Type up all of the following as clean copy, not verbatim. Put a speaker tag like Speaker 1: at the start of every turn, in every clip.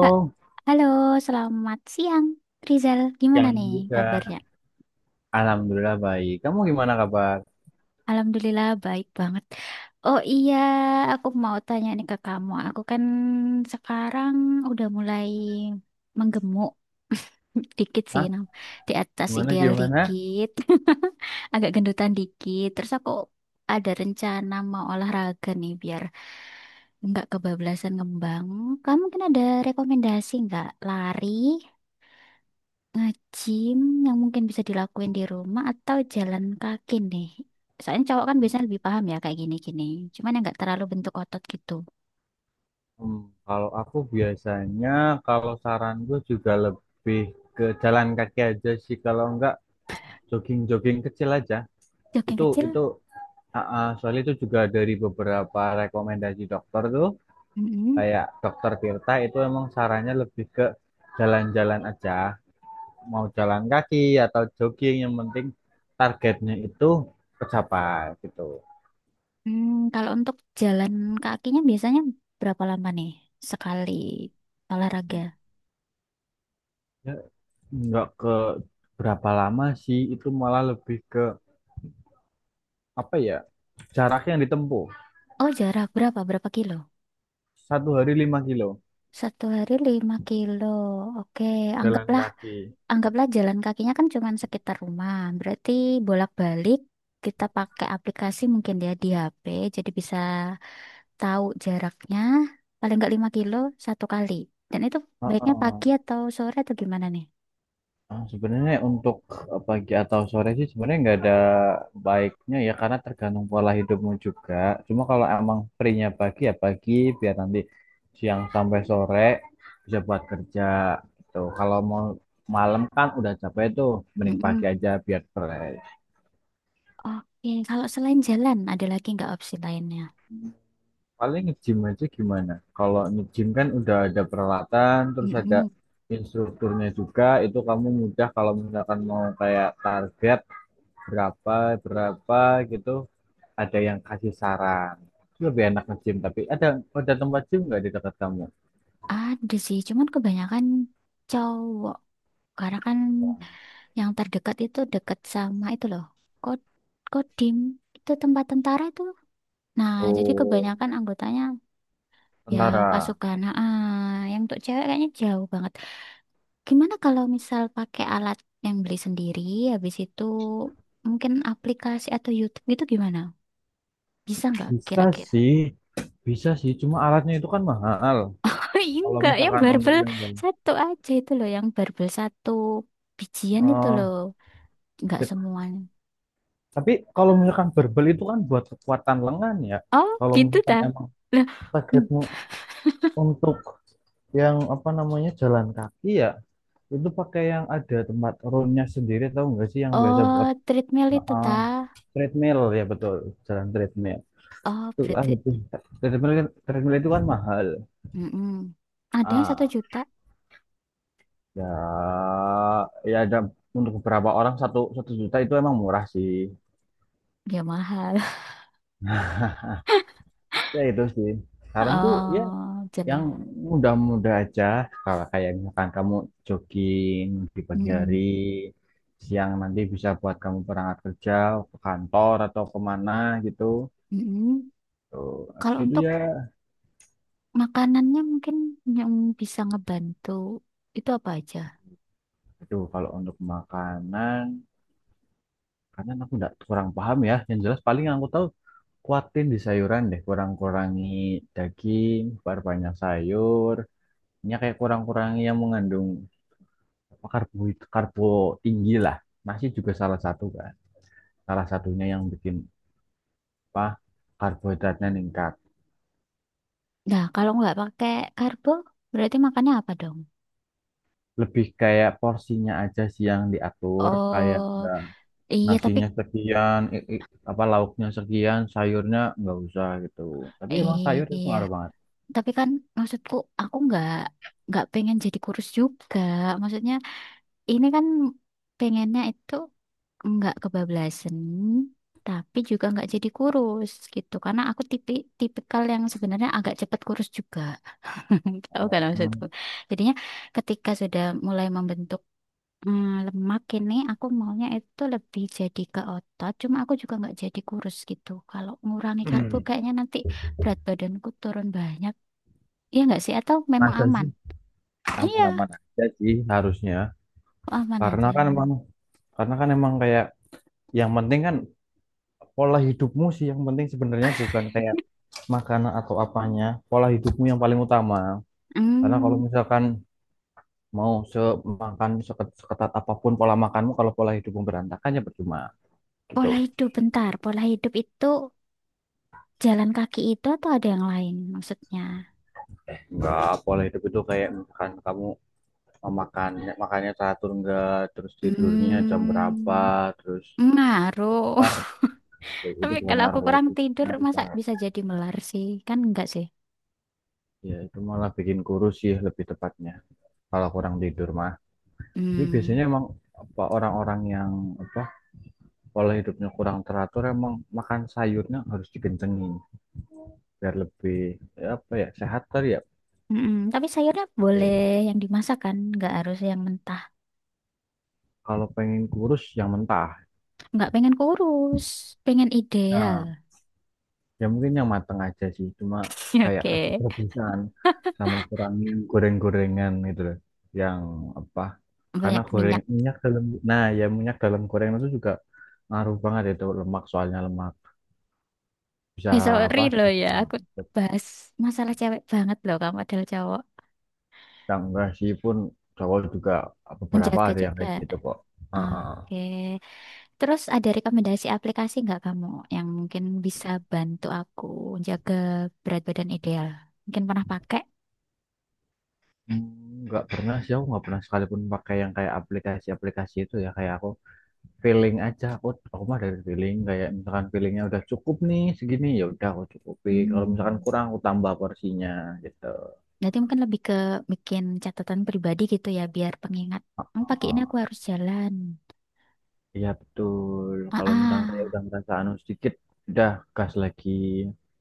Speaker 1: Ha- Halo, selamat siang. Rizal, gimana
Speaker 2: yang
Speaker 1: nih
Speaker 2: juga.
Speaker 1: kabarnya?
Speaker 2: Alhamdulillah baik. Kamu gimana kabar?
Speaker 1: Alhamdulillah baik banget. Oh iya, aku mau tanya nih ke kamu. Aku kan sekarang udah mulai menggemuk dikit sih,
Speaker 2: Hah?
Speaker 1: Nam. Di atas
Speaker 2: Gimana
Speaker 1: ideal
Speaker 2: gimana?
Speaker 1: dikit, agak gendutan dikit. Terus aku ada rencana mau olahraga nih biar nggak kebablasan ngembang. Kamu mungkin ada rekomendasi nggak? Lari Ngajim yang mungkin bisa dilakuin di rumah atau jalan kaki nih. Soalnya cowok kan biasanya lebih paham ya kayak gini-gini. Cuman yang nggak terlalu bentuk otot gitu.
Speaker 2: Hmm, kalau aku biasanya kalau saran gue juga lebih ke jalan kaki aja sih. Kalau enggak jogging-jogging kecil aja.
Speaker 1: Jogging
Speaker 2: Itu
Speaker 1: kecil?
Speaker 2: itu soalnya itu juga dari beberapa rekomendasi dokter tuh,
Speaker 1: Mm-mm.
Speaker 2: kayak dokter Tirta itu emang sarannya lebih ke jalan-jalan aja. Mau jalan kaki atau jogging yang penting targetnya itu tercapai gitu.
Speaker 1: Hmm, kalau untuk jalan kakinya biasanya berapa lama nih? Sekali olahraga.
Speaker 2: Nggak ke berapa lama sih, itu malah lebih ke apa ya, jarak yang ditempuh.
Speaker 1: Oh, jarak berapa? Berapa kilo?
Speaker 2: Satu hari 5 kilo.
Speaker 1: Satu hari 5 kilo. Oke,
Speaker 2: Jalan
Speaker 1: anggaplah
Speaker 2: kaki.
Speaker 1: anggaplah jalan kakinya kan cuma sekitar rumah. Berarti bolak-balik kita pakai aplikasi mungkin ya di HP. Jadi bisa tahu jaraknya paling nggak 5 kilo satu kali. Dan itu baiknya pagi
Speaker 2: Heeh.
Speaker 1: atau sore atau gimana nih?
Speaker 2: Sebenarnya untuk pagi atau sore sih sebenarnya nggak ada baiknya ya, karena tergantung pola hidupmu juga. Cuma kalau emang free-nya pagi ya pagi, biar nanti siang sampai sore bisa buat kerja gitu. Kalau mau malam kan udah capek tuh, mending
Speaker 1: Mm-mm.
Speaker 2: pagi aja biar fresh.
Speaker 1: Oke, kalau selain jalan ada lagi nggak opsi lainnya?
Speaker 2: Paling nge-gym aja gimana? Kalau nge-gym kan udah ada peralatan, terus ada
Speaker 1: Mm-mm.
Speaker 2: instrukturnya juga. Itu kamu mudah kalau misalkan mau kayak target berapa berapa gitu, ada yang kasih saran. Itu lebih enak nge-gym. Tapi ada tempat gym nggak di dekat kamu?
Speaker 1: Ada sih, cuman kebanyakan cowok. Karena kan yang terdekat itu dekat sama itu loh. Kod Kodim itu tempat tentara itu. Nah, jadi
Speaker 2: Oh,
Speaker 1: kebanyakan anggotanya ya
Speaker 2: tentara.
Speaker 1: pasukan. Nah, yang untuk cewek kayaknya jauh banget. Gimana kalau misal pakai alat yang beli sendiri, habis itu mungkin aplikasi atau YouTube gitu gimana? Bisa nggak
Speaker 2: Bisa
Speaker 1: kira-kira?
Speaker 2: sih, bisa sih. Cuma alatnya itu kan mahal.
Speaker 1: Ih,
Speaker 2: Kalau
Speaker 1: enggak, yang
Speaker 2: misalkan untuk
Speaker 1: barbel
Speaker 2: yang
Speaker 1: satu aja itu loh, yang barbel satu bijian itu
Speaker 2: eh
Speaker 1: loh, nggak
Speaker 2: fit.
Speaker 1: semuanya.
Speaker 2: Tapi kalau misalkan barbel itu kan buat kekuatan lengan ya.
Speaker 1: Oh,
Speaker 2: Kalau
Speaker 1: gitu ta?
Speaker 2: misalkan emang
Speaker 1: Lah, hmm.
Speaker 2: targetmu untuk yang apa namanya jalan kaki ya, itu pakai yang ada tempat roundnya sendiri, tahu nggak sih yang biasa
Speaker 1: Oh,
Speaker 2: buat
Speaker 1: treadmill itu ta?
Speaker 2: uh, treadmill, ya betul, jalan treadmill.
Speaker 1: Oh,
Speaker 2: Itu kan
Speaker 1: berarti,
Speaker 2: lebih treadmill itu kan mahal.
Speaker 1: mm-mm. Ada yang satu
Speaker 2: ah
Speaker 1: juta,
Speaker 2: Ya, ya, ada. Untuk beberapa orang satu satu juta itu emang murah sih.
Speaker 1: ya mahal.
Speaker 2: Ya itu sih saranku, ya.
Speaker 1: Oh,
Speaker 2: Yang
Speaker 1: jalan.
Speaker 2: mudah-mudah aja, kalau kayak misalkan kamu jogging di pagi hari,
Speaker 1: Mm-mm.
Speaker 2: siang nanti bisa buat kamu berangkat kerja, ke kantor atau kemana gitu.
Speaker 1: Mm-mm.
Speaker 2: Tuh, habis
Speaker 1: Kalau
Speaker 2: itu
Speaker 1: untuk
Speaker 2: ya,
Speaker 1: makanannya mungkin yang bisa ngebantu itu apa aja?
Speaker 2: aduh kalau untuk makanan, karena aku nggak kurang paham ya. Yang jelas paling yang aku tahu, kuatin di sayuran deh, kurang-kurangi daging, perbanyak sayur. Ya kayak kurang-kurangi yang mengandung apa, karbo, karbo tinggi lah. Nasi juga salah satu kan. Salah satunya yang bikin apa karbohidratnya ningkat.
Speaker 1: Nah, kalau nggak pakai karbo, berarti makannya apa dong?
Speaker 2: Lebih kayak porsinya aja sih yang diatur, kayak
Speaker 1: Oh,
Speaker 2: nggak
Speaker 1: iya tapi
Speaker 2: nasinya sekian, apa lauknya sekian, sayurnya nggak usah gitu. Tapi emang sayur itu
Speaker 1: iya,
Speaker 2: ngaruh banget.
Speaker 1: tapi kan maksudku aku nggak pengen jadi kurus juga. Maksudnya ini kan pengennya itu nggak kebablasan, tapi juga nggak jadi kurus gitu. Karena aku tipikal yang sebenarnya agak cepet kurus juga. Tahu kan
Speaker 2: Hmm.
Speaker 1: maksudku. Jadinya ketika sudah mulai membentuk lemak ini, aku maunya itu lebih jadi ke otot. Cuma aku juga nggak jadi kurus gitu. Kalau ngurangi karbo kayaknya nanti berat badanku turun banyak. Iya nggak sih? Atau memang
Speaker 2: Masa
Speaker 1: aman?
Speaker 2: sih,
Speaker 1: Iya,
Speaker 2: aman-aman aja sih harusnya.
Speaker 1: aman
Speaker 2: Karena
Speaker 1: aja.
Speaker 2: kan emang karena kan emang kayak yang penting kan pola hidupmu sih yang penting, sebenarnya bukan kayak makanan atau apanya, pola hidupmu yang paling utama. Karena kalau
Speaker 1: Hmm,
Speaker 2: misalkan mau seketat apapun pola makanmu, kalau pola hidupmu berantakan ya percuma gitu.
Speaker 1: Pola hidup bentar. Pola hidup itu jalan kaki itu atau ada yang lain maksudnya?
Speaker 2: Enggak, pola hidup itu kayak misalkan kamu makan makannya teratur enggak, terus tidurnya jam berapa,
Speaker 1: Hmm,
Speaker 2: terus
Speaker 1: Ngaruh.
Speaker 2: ntar
Speaker 1: Tapi
Speaker 2: itu bukan
Speaker 1: kalau aku
Speaker 2: ngaruh
Speaker 1: kurang
Speaker 2: lagi,
Speaker 1: tidur,
Speaker 2: ngaruh
Speaker 1: masa
Speaker 2: banget.
Speaker 1: bisa jadi melar sih? Kan enggak sih.
Speaker 2: Ya itu malah bikin kurus sih, lebih tepatnya kalau kurang tidur mah. Tapi biasanya
Speaker 1: Hmm.
Speaker 2: emang apa, orang-orang yang apa pola hidupnya kurang teratur emang makan sayurnya harus dikencengin biar lebih, ya apa ya, sehat kali ya
Speaker 1: Mm-mm. Tapi sayurnya boleh
Speaker 2: gitu.
Speaker 1: yang dimasak kan, nggak harus yang mentah.
Speaker 2: Kalau pengen kurus yang mentah.
Speaker 1: Nggak pengen kurus, pengen ideal.
Speaker 2: Nah, ya mungkin yang mateng aja sih. Cuma kayak
Speaker 1: Oke,
Speaker 2: rebus-rebusan, sama kurangi yang goreng-gorengan gitu loh. Yang apa? Karena
Speaker 1: banyak
Speaker 2: goreng
Speaker 1: minyak.
Speaker 2: minyak dalam, nah ya minyak dalam gorengan itu juga ngaruh banget, itu lemak soalnya, lemak bisa
Speaker 1: Eh, sorry
Speaker 2: apa,
Speaker 1: loh ya,
Speaker 2: bisa
Speaker 1: aku
Speaker 2: ikut.
Speaker 1: bahas masalah cewek banget loh kamu adalah cowok.
Speaker 2: Yang sih pun cowok juga beberapa
Speaker 1: Menjaga
Speaker 2: ada yang
Speaker 1: juga.
Speaker 2: kayak gitu kok. Heeh.
Speaker 1: Oke, terus ada rekomendasi aplikasi nggak kamu yang mungkin bisa bantu aku jaga berat badan ideal? Mungkin pernah pakai?
Speaker 2: Nggak pernah sih, aku nggak pernah sekalipun pakai yang kayak aplikasi-aplikasi itu ya. Kayak aku feeling aja, aku mah dari feeling, kayak misalkan feelingnya udah cukup nih segini, ya udah aku cukupin. Kalau misalkan
Speaker 1: Hmm.
Speaker 2: kurang aku tambah porsinya gitu.
Speaker 1: Berarti mungkin lebih ke bikin catatan pribadi gitu ya, biar pengingat. Oh, pakai ini
Speaker 2: Oh,
Speaker 1: aku harus jalan.
Speaker 2: iya betul,
Speaker 1: Ah,
Speaker 2: kalau misalkan kayak
Speaker 1: ah.
Speaker 2: udah ngerasa anu sedikit, udah gas lagi.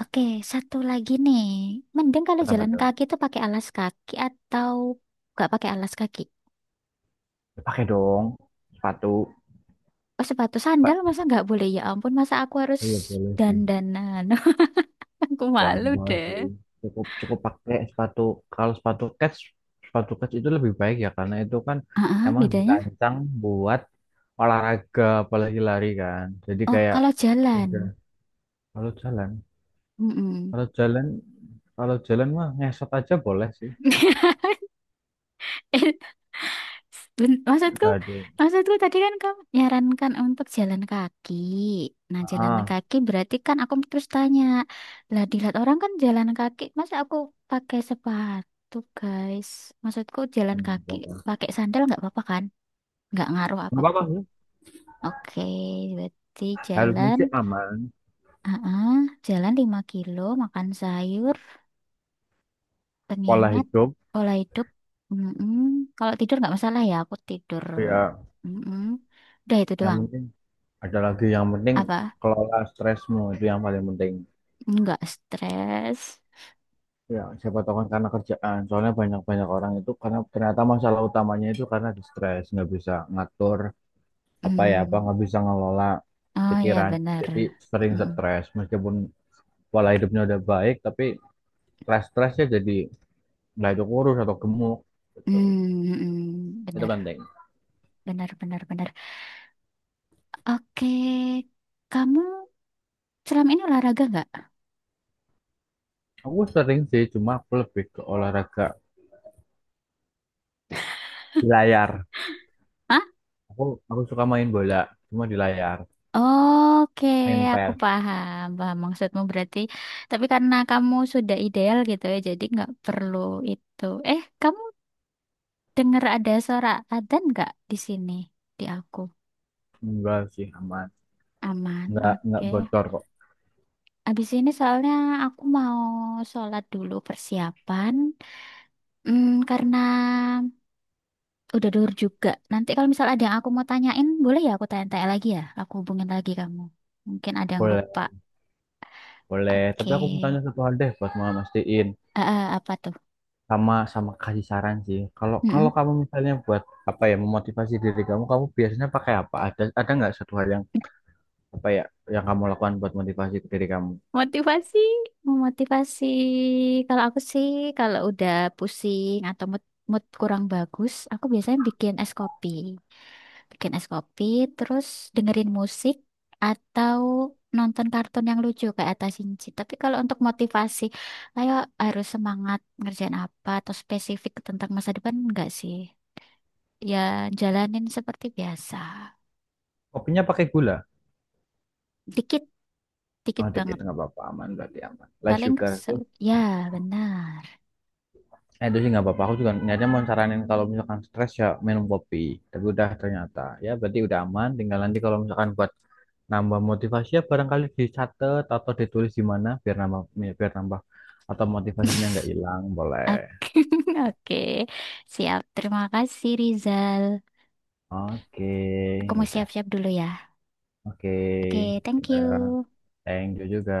Speaker 1: Oke, satu lagi nih. Mending kalau
Speaker 2: Kenapa
Speaker 1: jalan
Speaker 2: tuh?
Speaker 1: kaki itu pakai alas kaki atau nggak pakai alas kaki?
Speaker 2: Ya, pakai dong sepatu,
Speaker 1: Oh, sepatu
Speaker 2: Pak.
Speaker 1: sandal masa nggak boleh? Ya ampun, masa aku harus
Speaker 2: Iya boleh sih,
Speaker 1: dandanan? Aku
Speaker 2: jangan,
Speaker 1: malu
Speaker 2: boleh
Speaker 1: deh.
Speaker 2: sih, cukup cukup pakai sepatu. Kalau sepatu kets, itu lebih baik ya, karena itu kan
Speaker 1: Ah, ah,
Speaker 2: emang
Speaker 1: bedanya?
Speaker 2: dirancang buat olahraga, apalagi lari kan, jadi
Speaker 1: Oh,
Speaker 2: kayak.
Speaker 1: kalau jalan.
Speaker 2: Kalau jalan,
Speaker 1: Mm-mm.
Speaker 2: kalau jalan, kalau jalan mah ngesot aja boleh sih.
Speaker 1: Maksudku,
Speaker 2: Nggak ada.
Speaker 1: maksudku tadi kan kamu nyarankan untuk jalan kaki. Nah, jalan
Speaker 2: Ah,
Speaker 1: kaki berarti kan aku terus tanya, lah di lihat orang kan jalan kaki, masa aku pakai sepatu, guys? Maksudku jalan kaki
Speaker 2: nggak apa-apa.
Speaker 1: pakai sandal nggak apa-apa kan? Nggak ngaruh
Speaker 2: Nggak apa-apa
Speaker 1: apapun.
Speaker 2: sih.
Speaker 1: Oke, berarti
Speaker 2: Harusnya
Speaker 1: jalan,
Speaker 2: sih aman.
Speaker 1: ah ah, jalan 5 kilo, makan sayur.
Speaker 2: Pola
Speaker 1: Pengingat
Speaker 2: hidup,
Speaker 1: pola hidup, mm-mm. Kalau tidur nggak masalah ya aku tidur,
Speaker 2: ya.
Speaker 1: mm-mm. Udah itu
Speaker 2: Yang
Speaker 1: doang
Speaker 2: penting ada lagi. Yang penting
Speaker 1: apa
Speaker 2: kelola stresmu, itu yang paling penting.
Speaker 1: nggak stres.
Speaker 2: Ya, siapa tahu kan karena kerjaan. Soalnya banyak-banyak orang itu karena ternyata masalah utamanya itu karena di stres, nggak bisa ngatur apa ya apa,
Speaker 1: Mm.
Speaker 2: nggak bisa ngelola
Speaker 1: Oh ya
Speaker 2: pikiran.
Speaker 1: benar.
Speaker 2: Jadi sering
Speaker 1: Mm-mm.
Speaker 2: stres meskipun pola hidupnya udah baik, tapi stres-stresnya jadi, nah itu kurus atau gemuk gitu.
Speaker 1: Mm-mm.
Speaker 2: Itu
Speaker 1: Benar
Speaker 2: penting.
Speaker 1: benar benar benar. Oke, kamu selama ini olahraga nggak?
Speaker 2: Aku sering sih, cuma aku lebih ke olahraga di layar.
Speaker 1: Hah?
Speaker 2: Aku aku suka main bola, cuma di layar.
Speaker 1: Oke,
Speaker 2: Main
Speaker 1: aku
Speaker 2: PES.
Speaker 1: paham paham maksudmu berarti tapi karena kamu sudah ideal gitu ya jadi nggak perlu itu, eh, kamu. Dengar ada suara adzan nggak di sini? Di aku.
Speaker 2: Enggak sih, aman.
Speaker 1: Aman,
Speaker 2: Enggak
Speaker 1: oke.
Speaker 2: bocor kok.
Speaker 1: Abis ini soalnya aku mau sholat dulu persiapan. Karena udah dur juga. Nanti kalau misal ada yang aku mau tanyain, boleh ya aku tanya-tanya lagi ya? Aku hubungin lagi kamu. Mungkin ada yang
Speaker 2: Boleh,
Speaker 1: lupa.
Speaker 2: boleh. Tapi
Speaker 1: Oke.
Speaker 2: aku mau tanya satu hal deh buat mastiin,
Speaker 1: Apa tuh?
Speaker 2: sama sama kasih saran sih. Kalau kalau
Speaker 1: Mm-mm.
Speaker 2: kamu misalnya buat apa ya memotivasi diri kamu, kamu biasanya pakai apa? Ada nggak satu hal yang apa ya yang kamu lakukan buat motivasi ke diri kamu?
Speaker 1: Motivasi, memotivasi. Kalau aku sih, kalau udah pusing atau mood kurang bagus, aku biasanya bikin es kopi. Bikin es kopi, terus dengerin musik atau nonton kartun yang lucu kayak Atta Shinchi. Tapi kalau untuk motivasi, ayo harus semangat ngerjain apa atau spesifik tentang masa depan enggak sih? Ya jalanin seperti biasa.
Speaker 2: Kopinya pakai gula.
Speaker 1: Dikit, dikit
Speaker 2: Oh, dikit
Speaker 1: banget.
Speaker 2: nggak apa-apa, aman berarti aman. Less
Speaker 1: Paling
Speaker 2: sugar tuh,
Speaker 1: ya benar.
Speaker 2: itu sih nggak apa-apa. Aku juga niatnya mau saranin kalau misalkan stres ya minum kopi. Tapi udah ternyata, ya berarti udah aman. Tinggal nanti kalau misalkan buat nambah motivasi, ya barangkali dicatat atau ditulis di mana, biar nambah, ya, biar nambah atau motivasinya nggak hilang, boleh.
Speaker 1: Oke, oke. Siap. Terima kasih, Rizal. Aku
Speaker 2: Oke,
Speaker 1: mau
Speaker 2: udah.
Speaker 1: siap-siap dulu ya.
Speaker 2: Oke,
Speaker 1: Oke, thank
Speaker 2: eh,
Speaker 1: you.
Speaker 2: thank you juga.